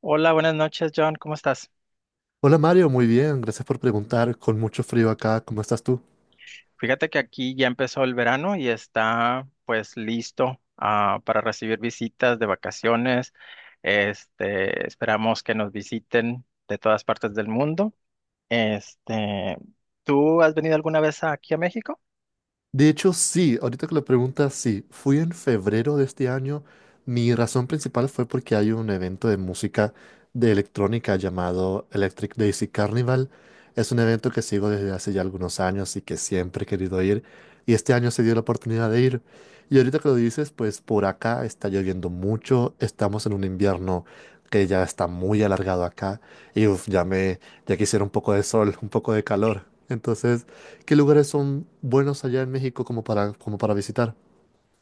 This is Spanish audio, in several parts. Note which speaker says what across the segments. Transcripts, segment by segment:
Speaker 1: Hola, buenas noches, John. ¿Cómo estás?
Speaker 2: Hola Mario, muy bien, gracias por preguntar. Con mucho frío acá, ¿cómo estás tú?
Speaker 1: Fíjate que aquí ya empezó el verano y está pues listo para recibir visitas de vacaciones. Esperamos que nos visiten de todas partes del mundo. Este, ¿tú has venido alguna vez aquí a México?
Speaker 2: De hecho, sí, ahorita que lo preguntas, sí, fui en febrero de este año. Mi razón principal fue porque hay un evento de música de electrónica llamado Electric Daisy Carnival. Es un evento que sigo desde hace ya algunos años y que siempre he querido ir. Y este año se dio la oportunidad de ir. Y ahorita que lo dices, pues por acá está lloviendo mucho. Estamos en un invierno que ya está muy alargado acá. Y uf, ya quisiera un poco de sol, un poco de calor. Entonces. ¿Qué lugares son buenos allá en México como para visitar?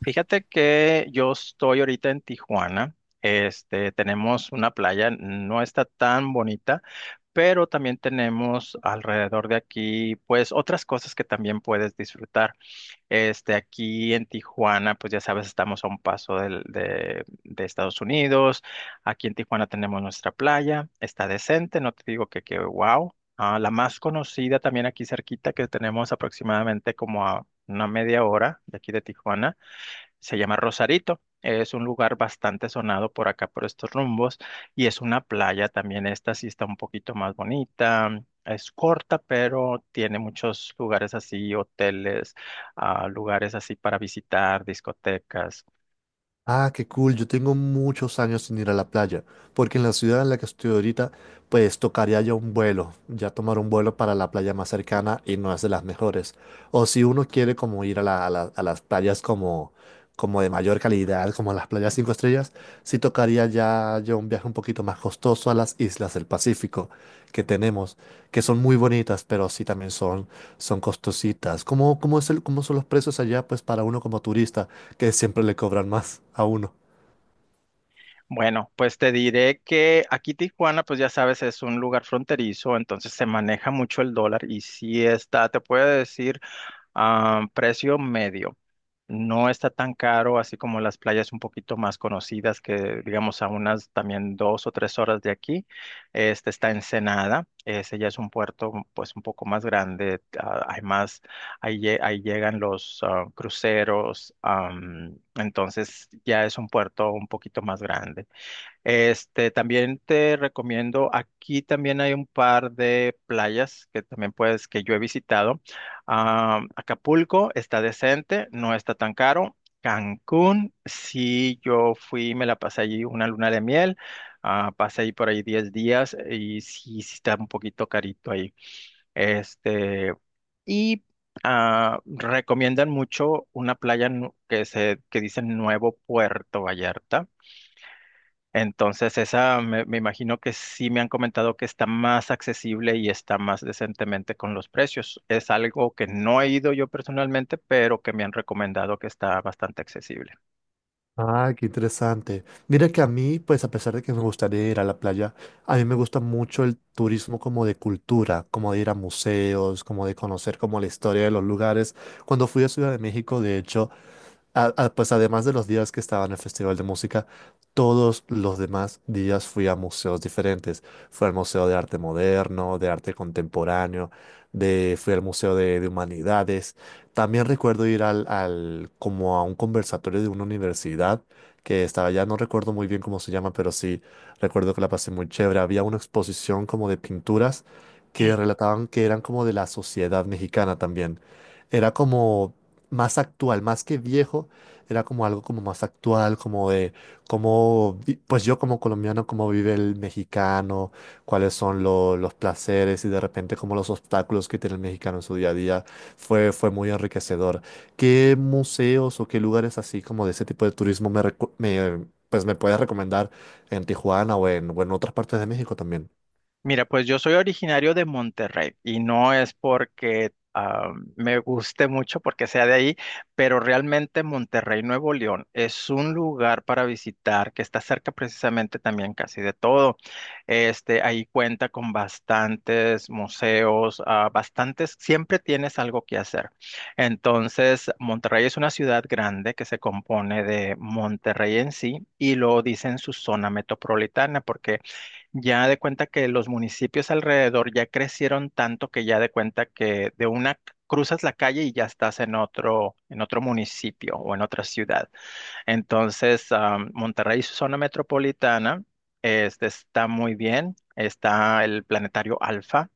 Speaker 1: Fíjate que yo estoy ahorita en Tijuana. Tenemos una playa, no está tan bonita, pero también tenemos alrededor de aquí pues otras cosas que también puedes disfrutar. Aquí en Tijuana, pues ya sabes, estamos a un paso de Estados Unidos. Aquí en Tijuana tenemos nuestra playa, está decente, no te digo que wow. La más conocida también aquí cerquita, que tenemos aproximadamente como a una media hora de aquí de Tijuana se llama Rosarito. Es un lugar bastante sonado por acá, por estos rumbos. Y es una playa también. Esta sí está un poquito más bonita. Es corta, pero tiene muchos lugares así, hoteles, lugares así para visitar, discotecas.
Speaker 2: Ah, qué cool. Yo tengo muchos años sin ir a la playa, porque en la ciudad en la que estoy ahorita, pues tocaría ya un vuelo, ya tomar un vuelo para la playa más cercana y no es de las mejores. O si uno quiere como ir a las playas como de mayor calidad, como las playas cinco estrellas, sí tocaría ya un viaje un poquito más costoso a las islas del Pacífico que tenemos, que son muy bonitas, pero sí también son costositas. ¿Cómo son los precios allá, pues para uno como turista? Que siempre le cobran más a uno.
Speaker 1: Bueno, pues te diré que aquí Tijuana, pues ya sabes, es un lugar fronterizo, entonces se maneja mucho el dólar y si está, te puedo decir precio medio. No está tan caro, así como las playas un poquito más conocidas, que digamos a unas también 2 o 3 horas de aquí. Está Ensenada, ese ya es un puerto pues un poco más grande. Hay más, ahí, ahí llegan los cruceros, entonces ya es un puerto un poquito más grande. También te recomiendo, aquí también hay un par de playas que también puedes, que yo he visitado. Acapulco está decente, no está tan caro. Cancún, sí, yo fui, me la pasé allí una luna de miel, pasé ahí por ahí 10 días y sí, sí está un poquito carito ahí. Este, y recomiendan mucho una playa que dicen Nuevo Puerto Vallarta. Entonces, esa me imagino que sí me han comentado que está más accesible y está más decentemente con los precios. Es algo que no he ido yo personalmente, pero que me han recomendado que está bastante accesible.
Speaker 2: Ah, qué interesante. Mira que a mí, pues a pesar de que me gustaría ir a la playa, a mí me gusta mucho el turismo como de cultura, como de ir a museos, como de conocer como la historia de los lugares. Cuando fui a Ciudad de México, de hecho, pues además de los días que estaba en el Festival de Música, todos los demás días fui a museos diferentes. Fui al Museo de Arte Moderno, de Arte Contemporáneo, fui al Museo de, Humanidades. También recuerdo ir como a un conversatorio de una universidad que estaba allá, no recuerdo muy bien cómo se llama, pero sí recuerdo que la pasé muy chévere. Había una exposición como de pinturas que relataban que eran como de la sociedad mexicana también. Era como más actual, más que viejo, era como algo como más actual, como de cómo, pues yo como colombiano, cómo vive el mexicano, cuáles son los placeres y de repente como los obstáculos que tiene el mexicano en su día a día, fue muy enriquecedor. ¿Qué museos o qué lugares así como de ese tipo de turismo pues me puedes recomendar en Tijuana o o en otras partes de México también?
Speaker 1: Mira, pues yo soy originario de Monterrey y no es porque me guste mucho, porque sea de ahí, pero realmente Monterrey, Nuevo León, es un lugar para visitar que está cerca precisamente también casi de todo. Ahí cuenta con bastantes museos, bastantes, siempre tienes algo que hacer. Entonces, Monterrey es una ciudad grande que se compone de Monterrey en sí y lo dicen su zona metropolitana, porque ya de cuenta que los municipios alrededor ya crecieron tanto que ya de cuenta que cruzas la calle y ya estás en otro municipio o en otra ciudad. Entonces, Monterrey, su zona metropolitana, está muy bien. Está el Planetario Alfa,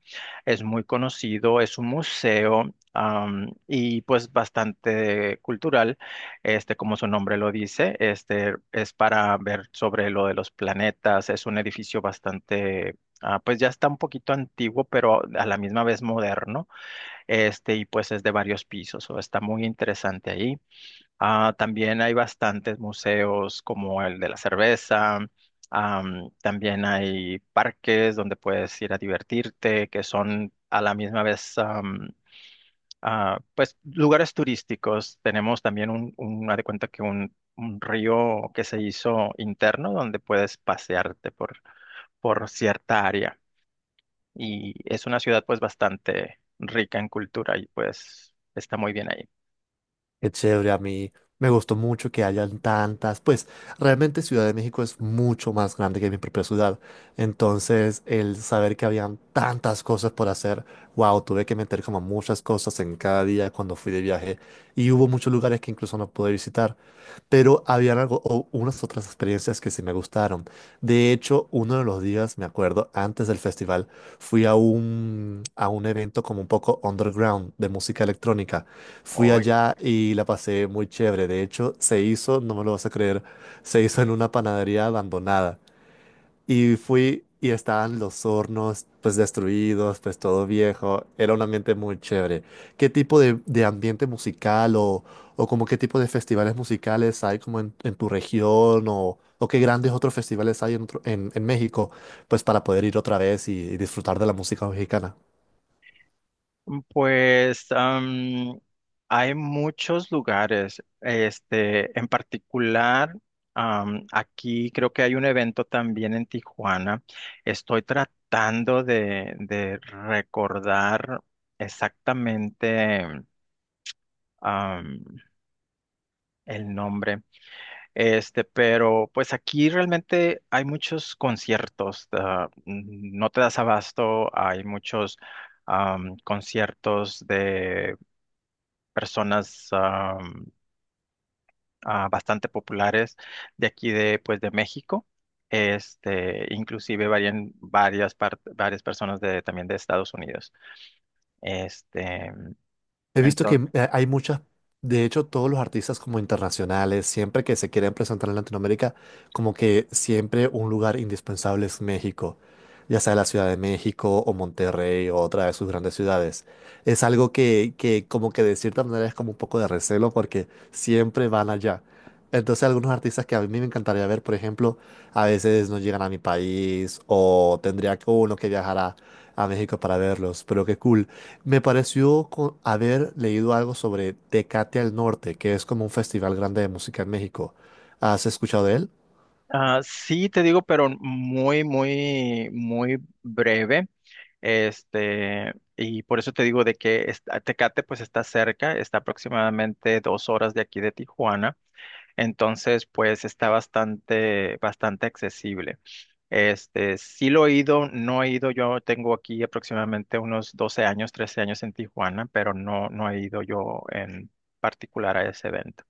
Speaker 1: es muy conocido, es un museo y pues bastante cultural, como su nombre lo dice, es para ver sobre lo de los planetas, es un edificio bastante, pues ya está un poquito antiguo, pero a la misma vez moderno, y pues es de varios pisos, o está muy interesante ahí. También hay bastantes museos como el de la cerveza. También hay parques donde puedes ir a divertirte, que son a la misma vez, pues, lugares turísticos. Tenemos también haz de cuenta que un río que se hizo interno donde puedes pasearte por cierta área. Y es una ciudad, pues, bastante rica en cultura y, pues, está muy bien ahí.
Speaker 2: Qué chévere, a mí me gustó mucho que hayan tantas, pues realmente Ciudad de México es mucho más grande que mi propia ciudad, entonces el saber que habían tantas cosas por hacer, wow, tuve que meter como muchas cosas en cada día cuando fui de viaje y hubo muchos lugares que incluso no pude visitar, pero habían algo, o unas otras experiencias que sí me gustaron. De hecho, uno de los días, me acuerdo, antes del festival, fui a un, evento como un poco underground de música electrónica. Fui allá y la pasé muy chévere. De hecho, se hizo, no me lo vas a creer, se hizo en una panadería abandonada. Y fui y estaban los hornos pues destruidos, pues todo viejo. Era un ambiente muy chévere. ¿Qué tipo de, ambiente musical o como qué tipo de festivales musicales hay como en, tu región o qué grandes otros festivales hay en México pues para poder ir otra vez y disfrutar de la música mexicana?
Speaker 1: Pues hay muchos lugares, en particular, aquí creo que hay un evento también en Tijuana. Estoy tratando de recordar exactamente am, el nombre, pero pues aquí realmente hay muchos conciertos, no te das abasto, hay muchos conciertos de personas bastante populares de aquí de, pues, de México. Inclusive varían varias personas también de Estados Unidos. Este,
Speaker 2: He visto que
Speaker 1: entonces,
Speaker 2: hay muchas, de hecho, todos los artistas como internacionales, siempre que se quieren presentar en Latinoamérica, como que siempre un lugar indispensable es México, ya sea la Ciudad de México o Monterrey o otra de sus grandes ciudades. Es algo que, como que de cierta manera es como un poco de recelo porque siempre van allá. Entonces algunos artistas que a mí me encantaría ver, por ejemplo, a veces no llegan a mi país o tendría uno que viajar a México para verlos, pero qué cool. Me pareció haber leído algo sobre Tecate al Norte, que es como un festival grande de música en México. ¿Has escuchado de él?
Speaker 1: sí te digo, pero muy, muy, muy breve. Y por eso te digo de que Tecate pues está cerca, está aproximadamente 2 horas de aquí de Tijuana. Entonces, pues está bastante, bastante accesible. Sí lo he ido, no he ido, yo tengo aquí aproximadamente unos 12 años, 13 años en Tijuana, pero no, no he ido yo en particular a ese evento.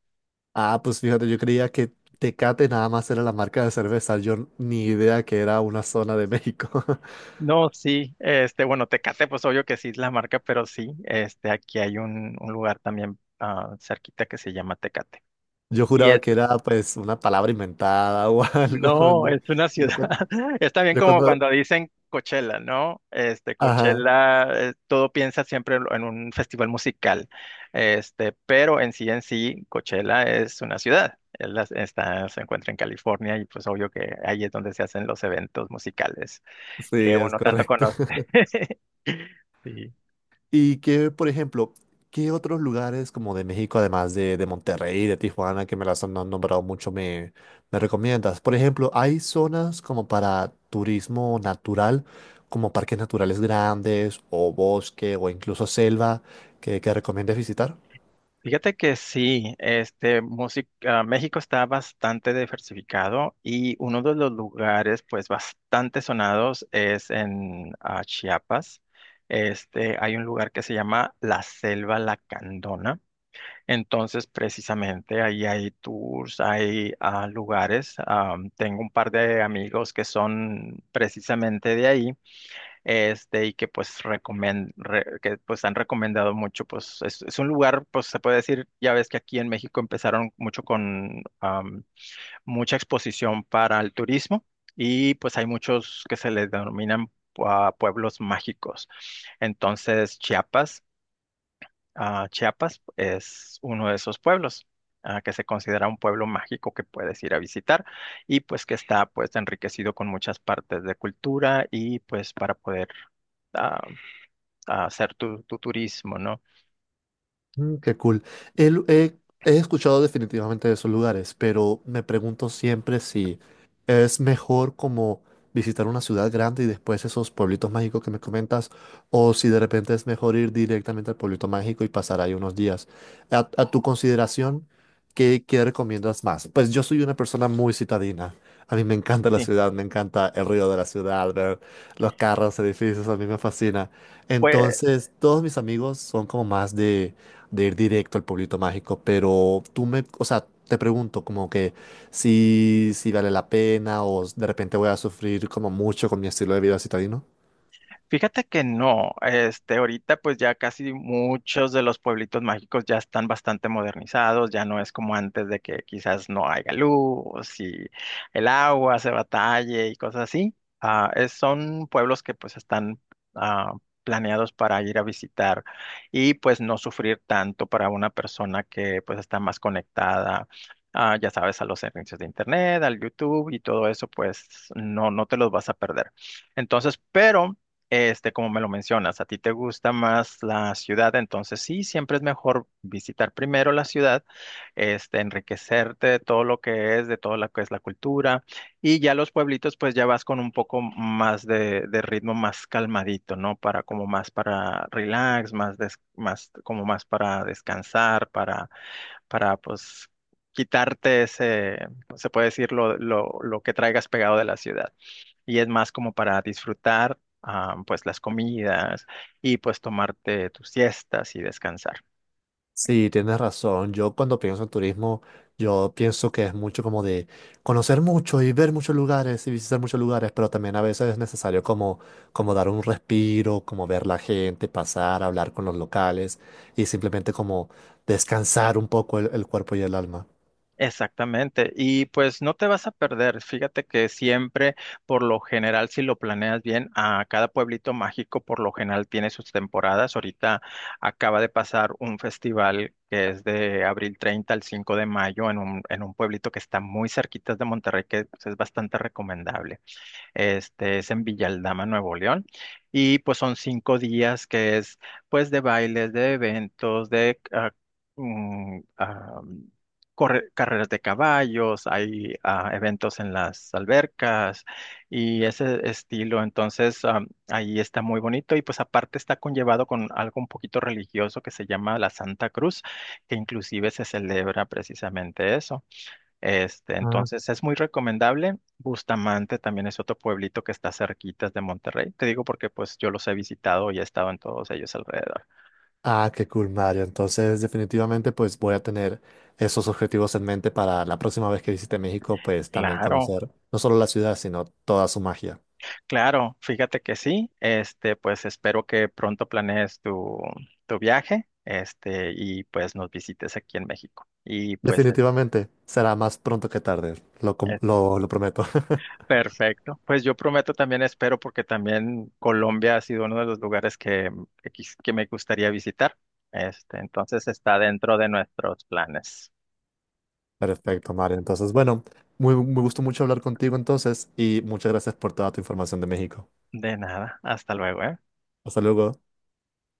Speaker 2: Ah, pues fíjate, yo creía que Tecate nada más era la marca de cerveza, yo ni idea que era una zona de México.
Speaker 1: No, sí, bueno, Tecate, pues obvio que sí es la marca, pero sí, aquí hay un lugar también cerquita que se llama Tecate.
Speaker 2: Yo
Speaker 1: Y
Speaker 2: juraba
Speaker 1: es
Speaker 2: que era pues una palabra inventada o algo.
Speaker 1: No,
Speaker 2: No.
Speaker 1: es una
Speaker 2: Yo
Speaker 1: ciudad.
Speaker 2: cuando,
Speaker 1: Es también
Speaker 2: yo
Speaker 1: como
Speaker 2: cuando,
Speaker 1: cuando dicen Coachella, ¿no? Este,
Speaker 2: ajá.
Speaker 1: Coachella, todo piensa siempre en un festival musical. Pero en sí, Coachella es una ciudad. Está, se encuentra en California y pues obvio que ahí es donde se hacen los eventos musicales que
Speaker 2: Sí, es
Speaker 1: uno tanto
Speaker 2: correcto.
Speaker 1: conoce. Sí.
Speaker 2: Y que, por ejemplo, ¿qué otros lugares como de México, además de Monterrey y de Tijuana, que me las han nombrado mucho, me recomiendas? Por ejemplo, ¿hay zonas como para turismo natural, como parques naturales grandes, o bosque, o incluso selva, que recomiendes visitar?
Speaker 1: Fíjate que sí, México está bastante diversificado y uno de los lugares pues bastante sonados es en Chiapas. Hay un lugar que se llama La Selva Lacandona. Entonces, precisamente ahí hay tours, hay lugares. Tengo un par de amigos que son precisamente de ahí y que pues que pues han recomendado mucho, pues es un lugar, pues se puede decir, ya ves que aquí en México empezaron mucho con mucha exposición para el turismo y pues hay muchos que se les denominan pueblos mágicos. Entonces, Chiapas es uno de esos pueblos. Que se considera un pueblo mágico que puedes ir a visitar y pues que está pues enriquecido con muchas partes de cultura y pues para poder ah, a hacer tu turismo, ¿no?
Speaker 2: Mm, qué cool. El- he, he escuchado definitivamente de esos lugares, pero me pregunto siempre si es mejor como visitar una ciudad grande y después esos pueblitos mágicos que me comentas, o si de repente es mejor ir directamente al pueblito mágico y pasar ahí unos días. A tu consideración, ¿qué recomiendas más? Pues yo soy una persona muy citadina. A mí me encanta la
Speaker 1: Sí.
Speaker 2: ciudad, me encanta el río de la ciudad, los carros, edificios, a mí me fascina.
Speaker 1: Pues
Speaker 2: Entonces, todos mis amigos son como más de, ir directo al pueblito mágico, pero tú o sea, te pregunto como que si vale la pena o de repente voy a sufrir como mucho con mi estilo de vida citadino.
Speaker 1: fíjate que no, ahorita pues ya casi muchos de los pueblitos mágicos ya están bastante modernizados, ya no es como antes de que quizás no haya luz y el agua se batalle y cosas así. Son pueblos que pues están ah, planeados para ir a visitar y pues no sufrir tanto para una persona que pues está más conectada. Ya sabes, a los servicios de internet, al YouTube y todo eso, pues no, no te los vas a perder. Entonces, pero como me lo mencionas, a ti te gusta más la ciudad, entonces sí, siempre es mejor visitar primero la ciudad, enriquecerte de todo lo que es, de todo lo que es la cultura, y ya los pueblitos, pues ya vas con un poco más de ritmo más calmadito, ¿no? Para como más para relax, más como más para descansar, para pues quitarte ese, se puede decir, lo que traigas pegado de la ciudad y es más como para disfrutar pues las comidas y pues tomarte tus siestas y descansar.
Speaker 2: Sí, tienes razón. Yo cuando pienso en turismo, yo pienso que es mucho como de conocer mucho y ver muchos lugares y visitar muchos lugares, pero también a veces es necesario como, dar un respiro, como ver la gente pasar, hablar con los locales y simplemente como descansar un poco el cuerpo y el alma.
Speaker 1: Exactamente, y pues no te vas a perder, fíjate que siempre, por lo general, si lo planeas bien, a cada pueblito mágico por lo general tiene sus temporadas. Ahorita acaba de pasar un festival que es de abril 30 al 5 de mayo en en un pueblito que está muy cerquita de Monterrey, que pues, es bastante recomendable. Este es en Villaldama, Nuevo León. Y pues son 5 días que es pues de bailes, de eventos, de mm, ah, carreras de caballos, hay eventos en las albercas y ese estilo. Entonces ahí está muy bonito y pues aparte está conllevado con algo un poquito religioso que se llama la Santa Cruz, que inclusive se celebra precisamente eso. Este,
Speaker 2: Ah,
Speaker 1: entonces es muy recomendable. Bustamante también es otro pueblito que está cerquitas de Monterrey. Te digo porque pues yo los he visitado y he estado en todos ellos alrededor.
Speaker 2: Ah, qué cool, Mario. Entonces, definitivamente, pues voy a tener esos objetivos en mente para la próxima vez que visite México, pues también
Speaker 1: Claro,
Speaker 2: conocer no solo la ciudad, sino toda su magia.
Speaker 1: claro, fíjate que sí. Pues espero que pronto planees tu viaje, y pues nos visites aquí en México. Y pues
Speaker 2: Definitivamente será más pronto que tarde, lo prometo.
Speaker 1: Perfecto. Pues yo prometo también espero porque también Colombia ha sido uno de los lugares que, que me gustaría visitar. Entonces está dentro de nuestros planes.
Speaker 2: Perfecto, Mario. Entonces, bueno, me gustó mucho hablar contigo entonces y muchas gracias por toda tu información de México.
Speaker 1: De nada. Hasta luego, ¿eh?
Speaker 2: Hasta luego.